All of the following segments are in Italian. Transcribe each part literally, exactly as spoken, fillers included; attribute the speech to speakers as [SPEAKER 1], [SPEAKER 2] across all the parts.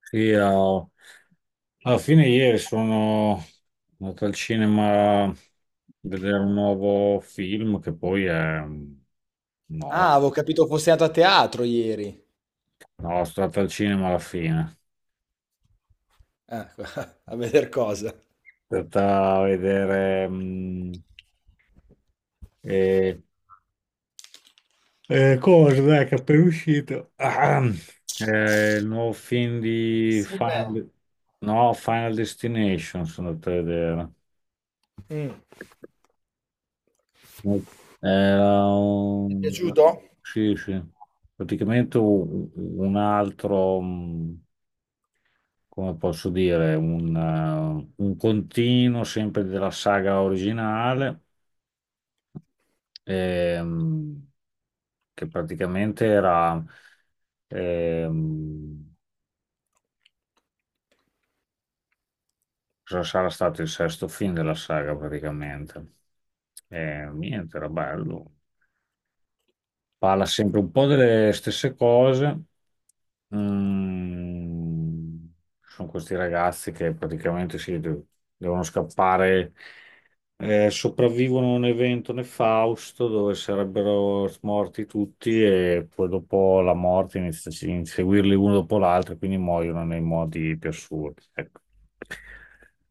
[SPEAKER 1] Sì, ho- alla fine ieri sono andato al cinema a vedere un nuovo film che poi è... No, no,
[SPEAKER 2] Ah, avevo capito fosse andato a teatro ieri.
[SPEAKER 1] sono stato al cinema alla fine.
[SPEAKER 2] Ah, a veder cosa.
[SPEAKER 1] Sono andato a vedere, mm, eh, eh, cosa, dai, che è appena uscito. Ah, eh, il nuovo film di
[SPEAKER 2] Sim, eh,
[SPEAKER 1] Final. No, Final Destination sono andato a vedere.
[SPEAKER 2] Mm.
[SPEAKER 1] Era
[SPEAKER 2] Ti è
[SPEAKER 1] un.
[SPEAKER 2] piaciuto?
[SPEAKER 1] Sì, sì. Praticamente un, un altro, mh, come posso dire, un, eh, un continuo sempre della saga originale, ehm, che praticamente era, ehm, cosa sarà stato il sesto film della saga praticamente. E niente, era bello. Parla sempre un po' delle stesse cose. Mm, Sono questi ragazzi che praticamente si de- devono scappare, eh, sopravvivono a un evento nefausto dove sarebbero morti tutti e poi dopo la morte inizia a inseguirli uno dopo l'altro e quindi muoiono nei modi più assurdi. Ecco.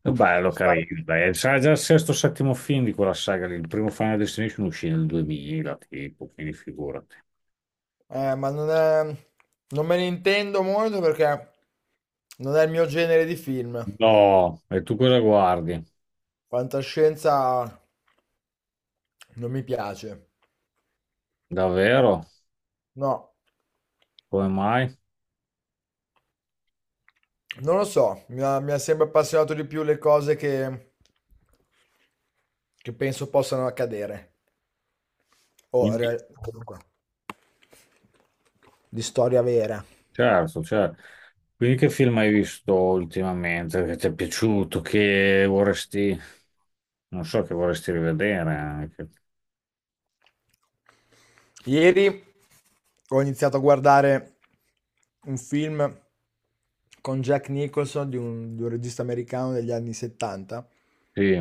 [SPEAKER 1] È bello,
[SPEAKER 2] Stai-
[SPEAKER 1] carino. Dai. Sarà già il sesto o settimo film di quella saga lì. Il primo Final Destination uscì nel duemila, tipo, quindi figurati.
[SPEAKER 2] Eh, ma non è... non me ne intendo molto perché non è il mio genere di film.
[SPEAKER 1] No, e tu cosa guardi?
[SPEAKER 2] Fantascienza non mi piace.
[SPEAKER 1] Davvero?
[SPEAKER 2] No,
[SPEAKER 1] Come mai?
[SPEAKER 2] non lo so, mi ha, mi ha sempre appassionato di più le cose che, che penso possano accadere. O
[SPEAKER 1] Quindi,
[SPEAKER 2] rea- comunque, di storia vera.
[SPEAKER 1] certo, certo. Quindi che film hai visto ultimamente che ti è piaciuto, che vorresti, non so, che vorresti rivedere anche?
[SPEAKER 2] Ieri ho iniziato a guardare un film con Jack Nicholson di un, di un regista americano degli anni settanta,
[SPEAKER 1] Sì,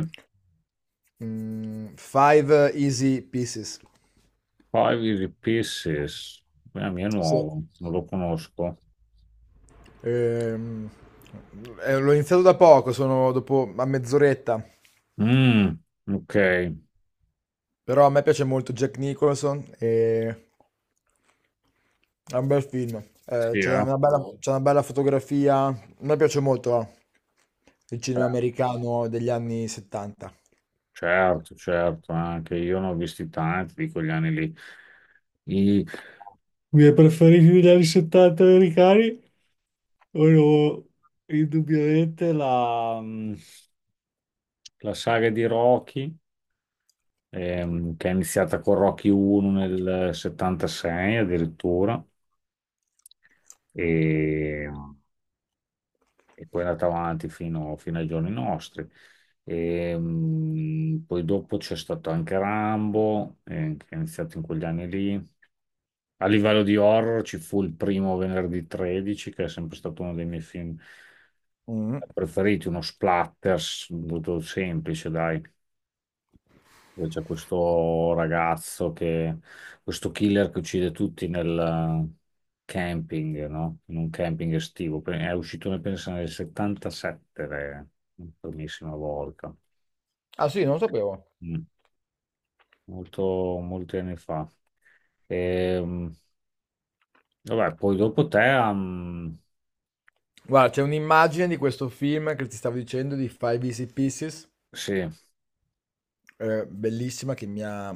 [SPEAKER 2] mm, Five Easy Pieces.
[SPEAKER 1] Five Easy Pieces, la mia è
[SPEAKER 2] Sì.
[SPEAKER 1] nuovo, non lo conosco.
[SPEAKER 2] Ehm, eh, L'ho iniziato da poco, sono dopo a mezz'oretta,
[SPEAKER 1] Mm, ok,
[SPEAKER 2] però a me piace molto Jack Nicholson e è un bel film. Eh,
[SPEAKER 1] sì,
[SPEAKER 2] c'è
[SPEAKER 1] eh.
[SPEAKER 2] una bella, Mm. c'è una bella fotografia. A me piace molto eh, il cinema americano degli anni settanta.
[SPEAKER 1] Certo, certo, anche io ne ho visti tanti di quegli anni lì. I miei preferiti degli anni settanta americani. Allora, indubbiamente la, mh, la saga di Rocky, ehm, che è iniziata con Rocky uno nel settantasei addirittura, e, e poi è andata avanti fino, fino ai giorni nostri. E, mh, poi dopo c'è stato anche Rambo, eh, che è iniziato in quegli anni lì. A livello di horror ci fu il primo Venerdì tredici, che è sempre stato uno dei miei film
[SPEAKER 2] Mm.
[SPEAKER 1] preferiti, uno splatter s- molto semplice, dai. Dove c'è questo ragazzo che, questo killer che uccide tutti nel camping, no? In un camping estivo. Pe- È uscito, ne penso, nel settantasette, re, la primissima volta.
[SPEAKER 2] Ah sì, non lo sapevo.
[SPEAKER 1] Mm. Molto, molti anni fa. Ehm, vabbè, poi dopo te, ehm,
[SPEAKER 2] Guarda, c'è un'immagine di questo film che ti stavo dicendo di Five Easy Pieces,
[SPEAKER 1] sì,
[SPEAKER 2] eh, bellissima, che mi ha,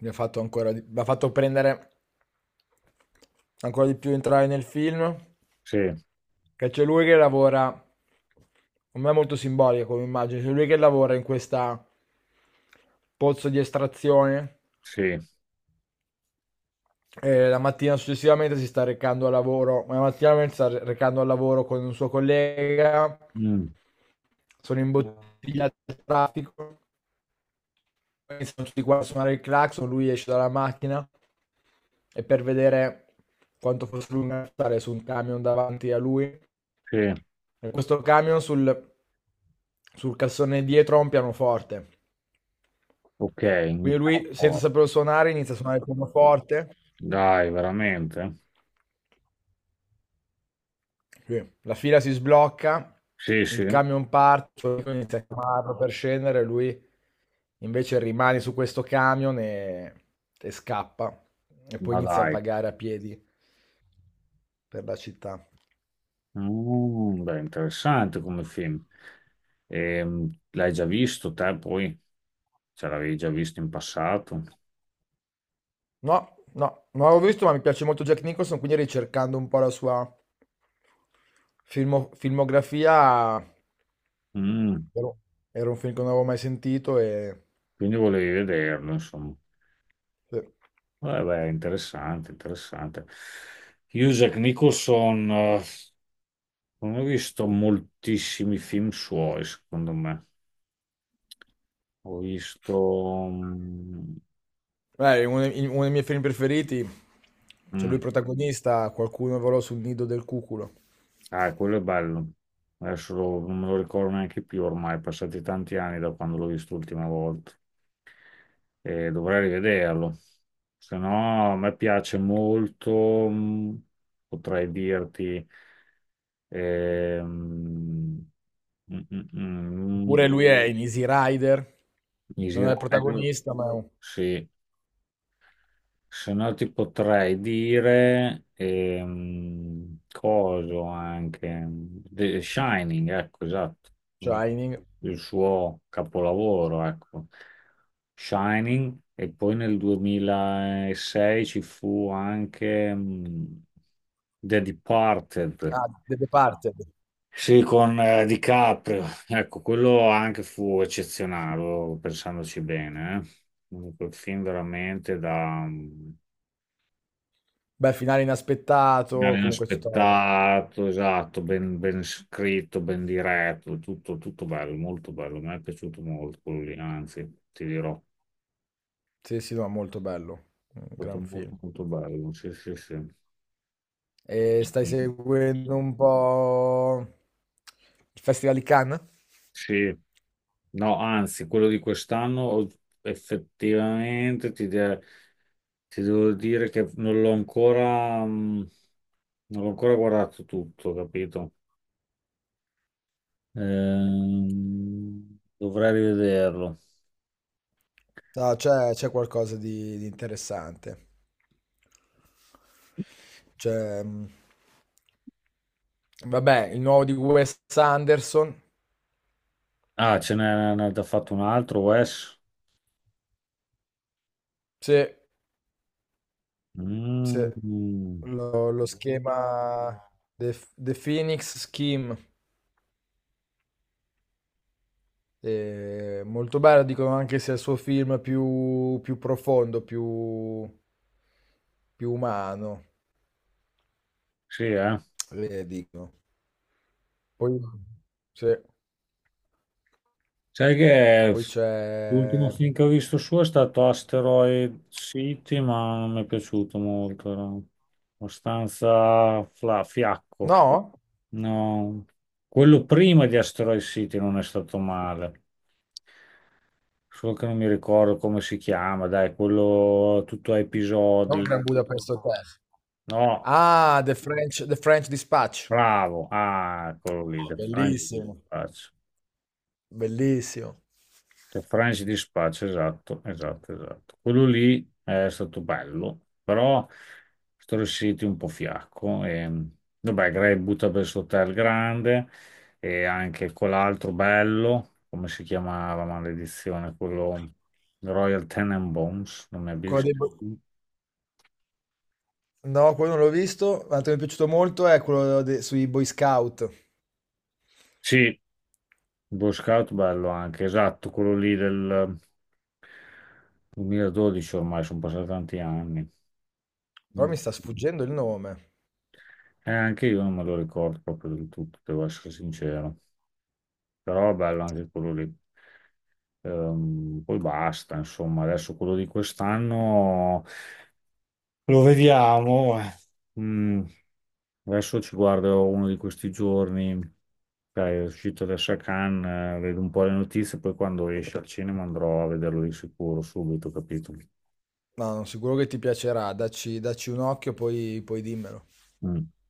[SPEAKER 2] mi ha fatto ancora, di- mi ha fatto prendere ancora di più entrare nel film,
[SPEAKER 1] sì,
[SPEAKER 2] che c'è lui che lavora, per me è molto simbolica come immagine, c'è lui che lavora in questa pozzo di estrazione
[SPEAKER 1] sì,
[SPEAKER 2] e la mattina successivamente si sta recando al lavoro, ma la mattina si sta recando al lavoro con un suo collega,
[SPEAKER 1] mm,
[SPEAKER 2] sono imbottigliati dal traffico, iniziano tutti qua a suonare il clacson, lui esce dalla macchina e per vedere quanto fosse lunga stare su un camion davanti a lui.
[SPEAKER 1] sì,
[SPEAKER 2] Eh, Questo camion sul, sul cassone dietro ha un pianoforte.
[SPEAKER 1] ok,
[SPEAKER 2] Quindi
[SPEAKER 1] un
[SPEAKER 2] lui, senza
[SPEAKER 1] po'.
[SPEAKER 2] saperlo suonare, inizia a suonare il pianoforte.
[SPEAKER 1] Dai, veramente?
[SPEAKER 2] Sì. La fila si sblocca,
[SPEAKER 1] Sì, sì,
[SPEAKER 2] il camion parte, il suo amico inizia a chiamarlo per scendere, lui invece rimane su questo camion e, e scappa. E poi
[SPEAKER 1] ma
[SPEAKER 2] inizia a
[SPEAKER 1] dai.
[SPEAKER 2] vagare a piedi per la città.
[SPEAKER 1] Mm, beh, interessante come film. Ehm, l'hai già visto te poi? Ce l'avevi già visto in passato?
[SPEAKER 2] No, no, non l'avevo visto, ma mi piace molto Jack Nicholson, quindi ricercando un po' la sua filmo- filmografia,
[SPEAKER 1] Mm,
[SPEAKER 2] ero- era un film che non avevo mai sentito e...
[SPEAKER 1] quindi volevi vederlo, insomma.
[SPEAKER 2] sì.
[SPEAKER 1] Beh, beh, interessante, interessante. Io, Jack Nicholson, eh, non ho visto moltissimi film suoi, secondo me. Ho visto. mm,
[SPEAKER 2] Eh, uno, dei uno dei miei film preferiti, c'è lui
[SPEAKER 1] mm,
[SPEAKER 2] protagonista, qualcuno volò sul nido del cuculo.
[SPEAKER 1] ah, quello è bello. Adesso lo- non me lo ricordo neanche più ormai, passati tanti anni da quando l'ho visto l'ultima volta. E dovrei rivederlo. Se no, a me piace molto, mh, potrei dirti, ehm, mm, mm, mm, mm,
[SPEAKER 2] Oppure lui è in Easy Rider,
[SPEAKER 1] Easy
[SPEAKER 2] non è il
[SPEAKER 1] Rider,
[SPEAKER 2] protagonista, ma è un
[SPEAKER 1] sì, se no ti potrei dire ehm, coso anche The Shining, ecco, esatto, no?
[SPEAKER 2] Shining.
[SPEAKER 1] Il suo capolavoro, ecco. Shining e poi nel duemilasei ci fu anche mh, The Departed.
[SPEAKER 2] Ah, The Departed.
[SPEAKER 1] Sì, con eh, DiCaprio. Ecco, quello anche fu eccezionale, oh, pensandoci bene, eh. Quel film veramente da,
[SPEAKER 2] Beh, finale inaspettato,
[SPEAKER 1] finale
[SPEAKER 2] comunque tutta...
[SPEAKER 1] inaspettato, esatto, ben, ben scritto, ben diretto, tutto, tutto bello, molto bello. Mi è piaciuto molto quello lì, anzi, ti dirò, è
[SPEAKER 2] Sì, sì, no, molto bello, un
[SPEAKER 1] stato
[SPEAKER 2] gran film.
[SPEAKER 1] molto, molto bello. Sì, sì, sì.
[SPEAKER 2] E stai seguendo un po' il Festival di Cannes?
[SPEAKER 1] Sì. No, anzi, quello di quest'anno ho- effettivamente ti, de- ti devo dire che non l'ho ancora, mm, non l'ho ancora guardato tutto, capito? Ehm, Dovrei rivederlo.
[SPEAKER 2] No, c'è c'è qualcosa di, di interessante. C'è, mh, vabbè, il nuovo di Wes Anderson.
[SPEAKER 1] Ah, ce n'è ne ha già fatto un altro, Wes.
[SPEAKER 2] Sì, sì.
[SPEAKER 1] Mm,
[SPEAKER 2] Lo, lo schema The, The Phoenix Scheme. Eh, molto bello, dicono anche sia il suo film più, più profondo, più, più umano,
[SPEAKER 1] sì, eh.
[SPEAKER 2] eh, dicono. Poi, sì.
[SPEAKER 1] Sai che
[SPEAKER 2] Poi
[SPEAKER 1] l'ultimo
[SPEAKER 2] c'è,
[SPEAKER 1] film che ho visto suo è stato Asteroid City, ma non mi è piaciuto molto. Era abbastanza fla- fiacco.
[SPEAKER 2] no?
[SPEAKER 1] No, quello prima di Asteroid City non è stato male. Solo che non mi ricordo come si chiama, dai, quello tutto a
[SPEAKER 2] Non
[SPEAKER 1] episodi.
[SPEAKER 2] Grand Budapest Hotel.
[SPEAKER 1] No,
[SPEAKER 2] Ah, The French The French Dispatch.
[SPEAKER 1] bravo. Ah, quello lì, The French
[SPEAKER 2] Bellissimo,
[SPEAKER 1] Dispatch.
[SPEAKER 2] bellissimo.
[SPEAKER 1] Cioè, Franci di spaccio, esatto, esatto, esatto. Quello lì è stato bello, però sono riusciti un po' fiacco. E, vabbè, Gray butta per il suo hotel grande e anche quell'altro bello, come si chiamava, maledizione, quello Royal Tenenbaums, non mi abbia.
[SPEAKER 2] Quello dei bo No, quello non l'ho visto. L'altro che mi è piaciuto molto è quello de sui Boy Scout,
[SPEAKER 1] Sì, Boy Scout bello anche, esatto, quello lì del duemiladodici ormai, sono passati tanti anni.
[SPEAKER 2] però mi sta sfuggendo il nome.
[SPEAKER 1] Eh, anche io non me lo ricordo proprio del tutto, devo essere sincero. Però bello anche quello lì. Ehm, poi basta, insomma, adesso quello di quest'anno lo vediamo. Eh. Mm, Adesso ci guardo uno di questi giorni. Dai, è uscito adesso a Cannes, eh, vedo un po' le notizie, poi quando esce al cinema andrò a vederlo di sicuro subito, capito?
[SPEAKER 2] No, no, sicuro che ti piacerà. Dacci dacci un occhio, poi poi dimmelo.
[SPEAKER 1] Mm.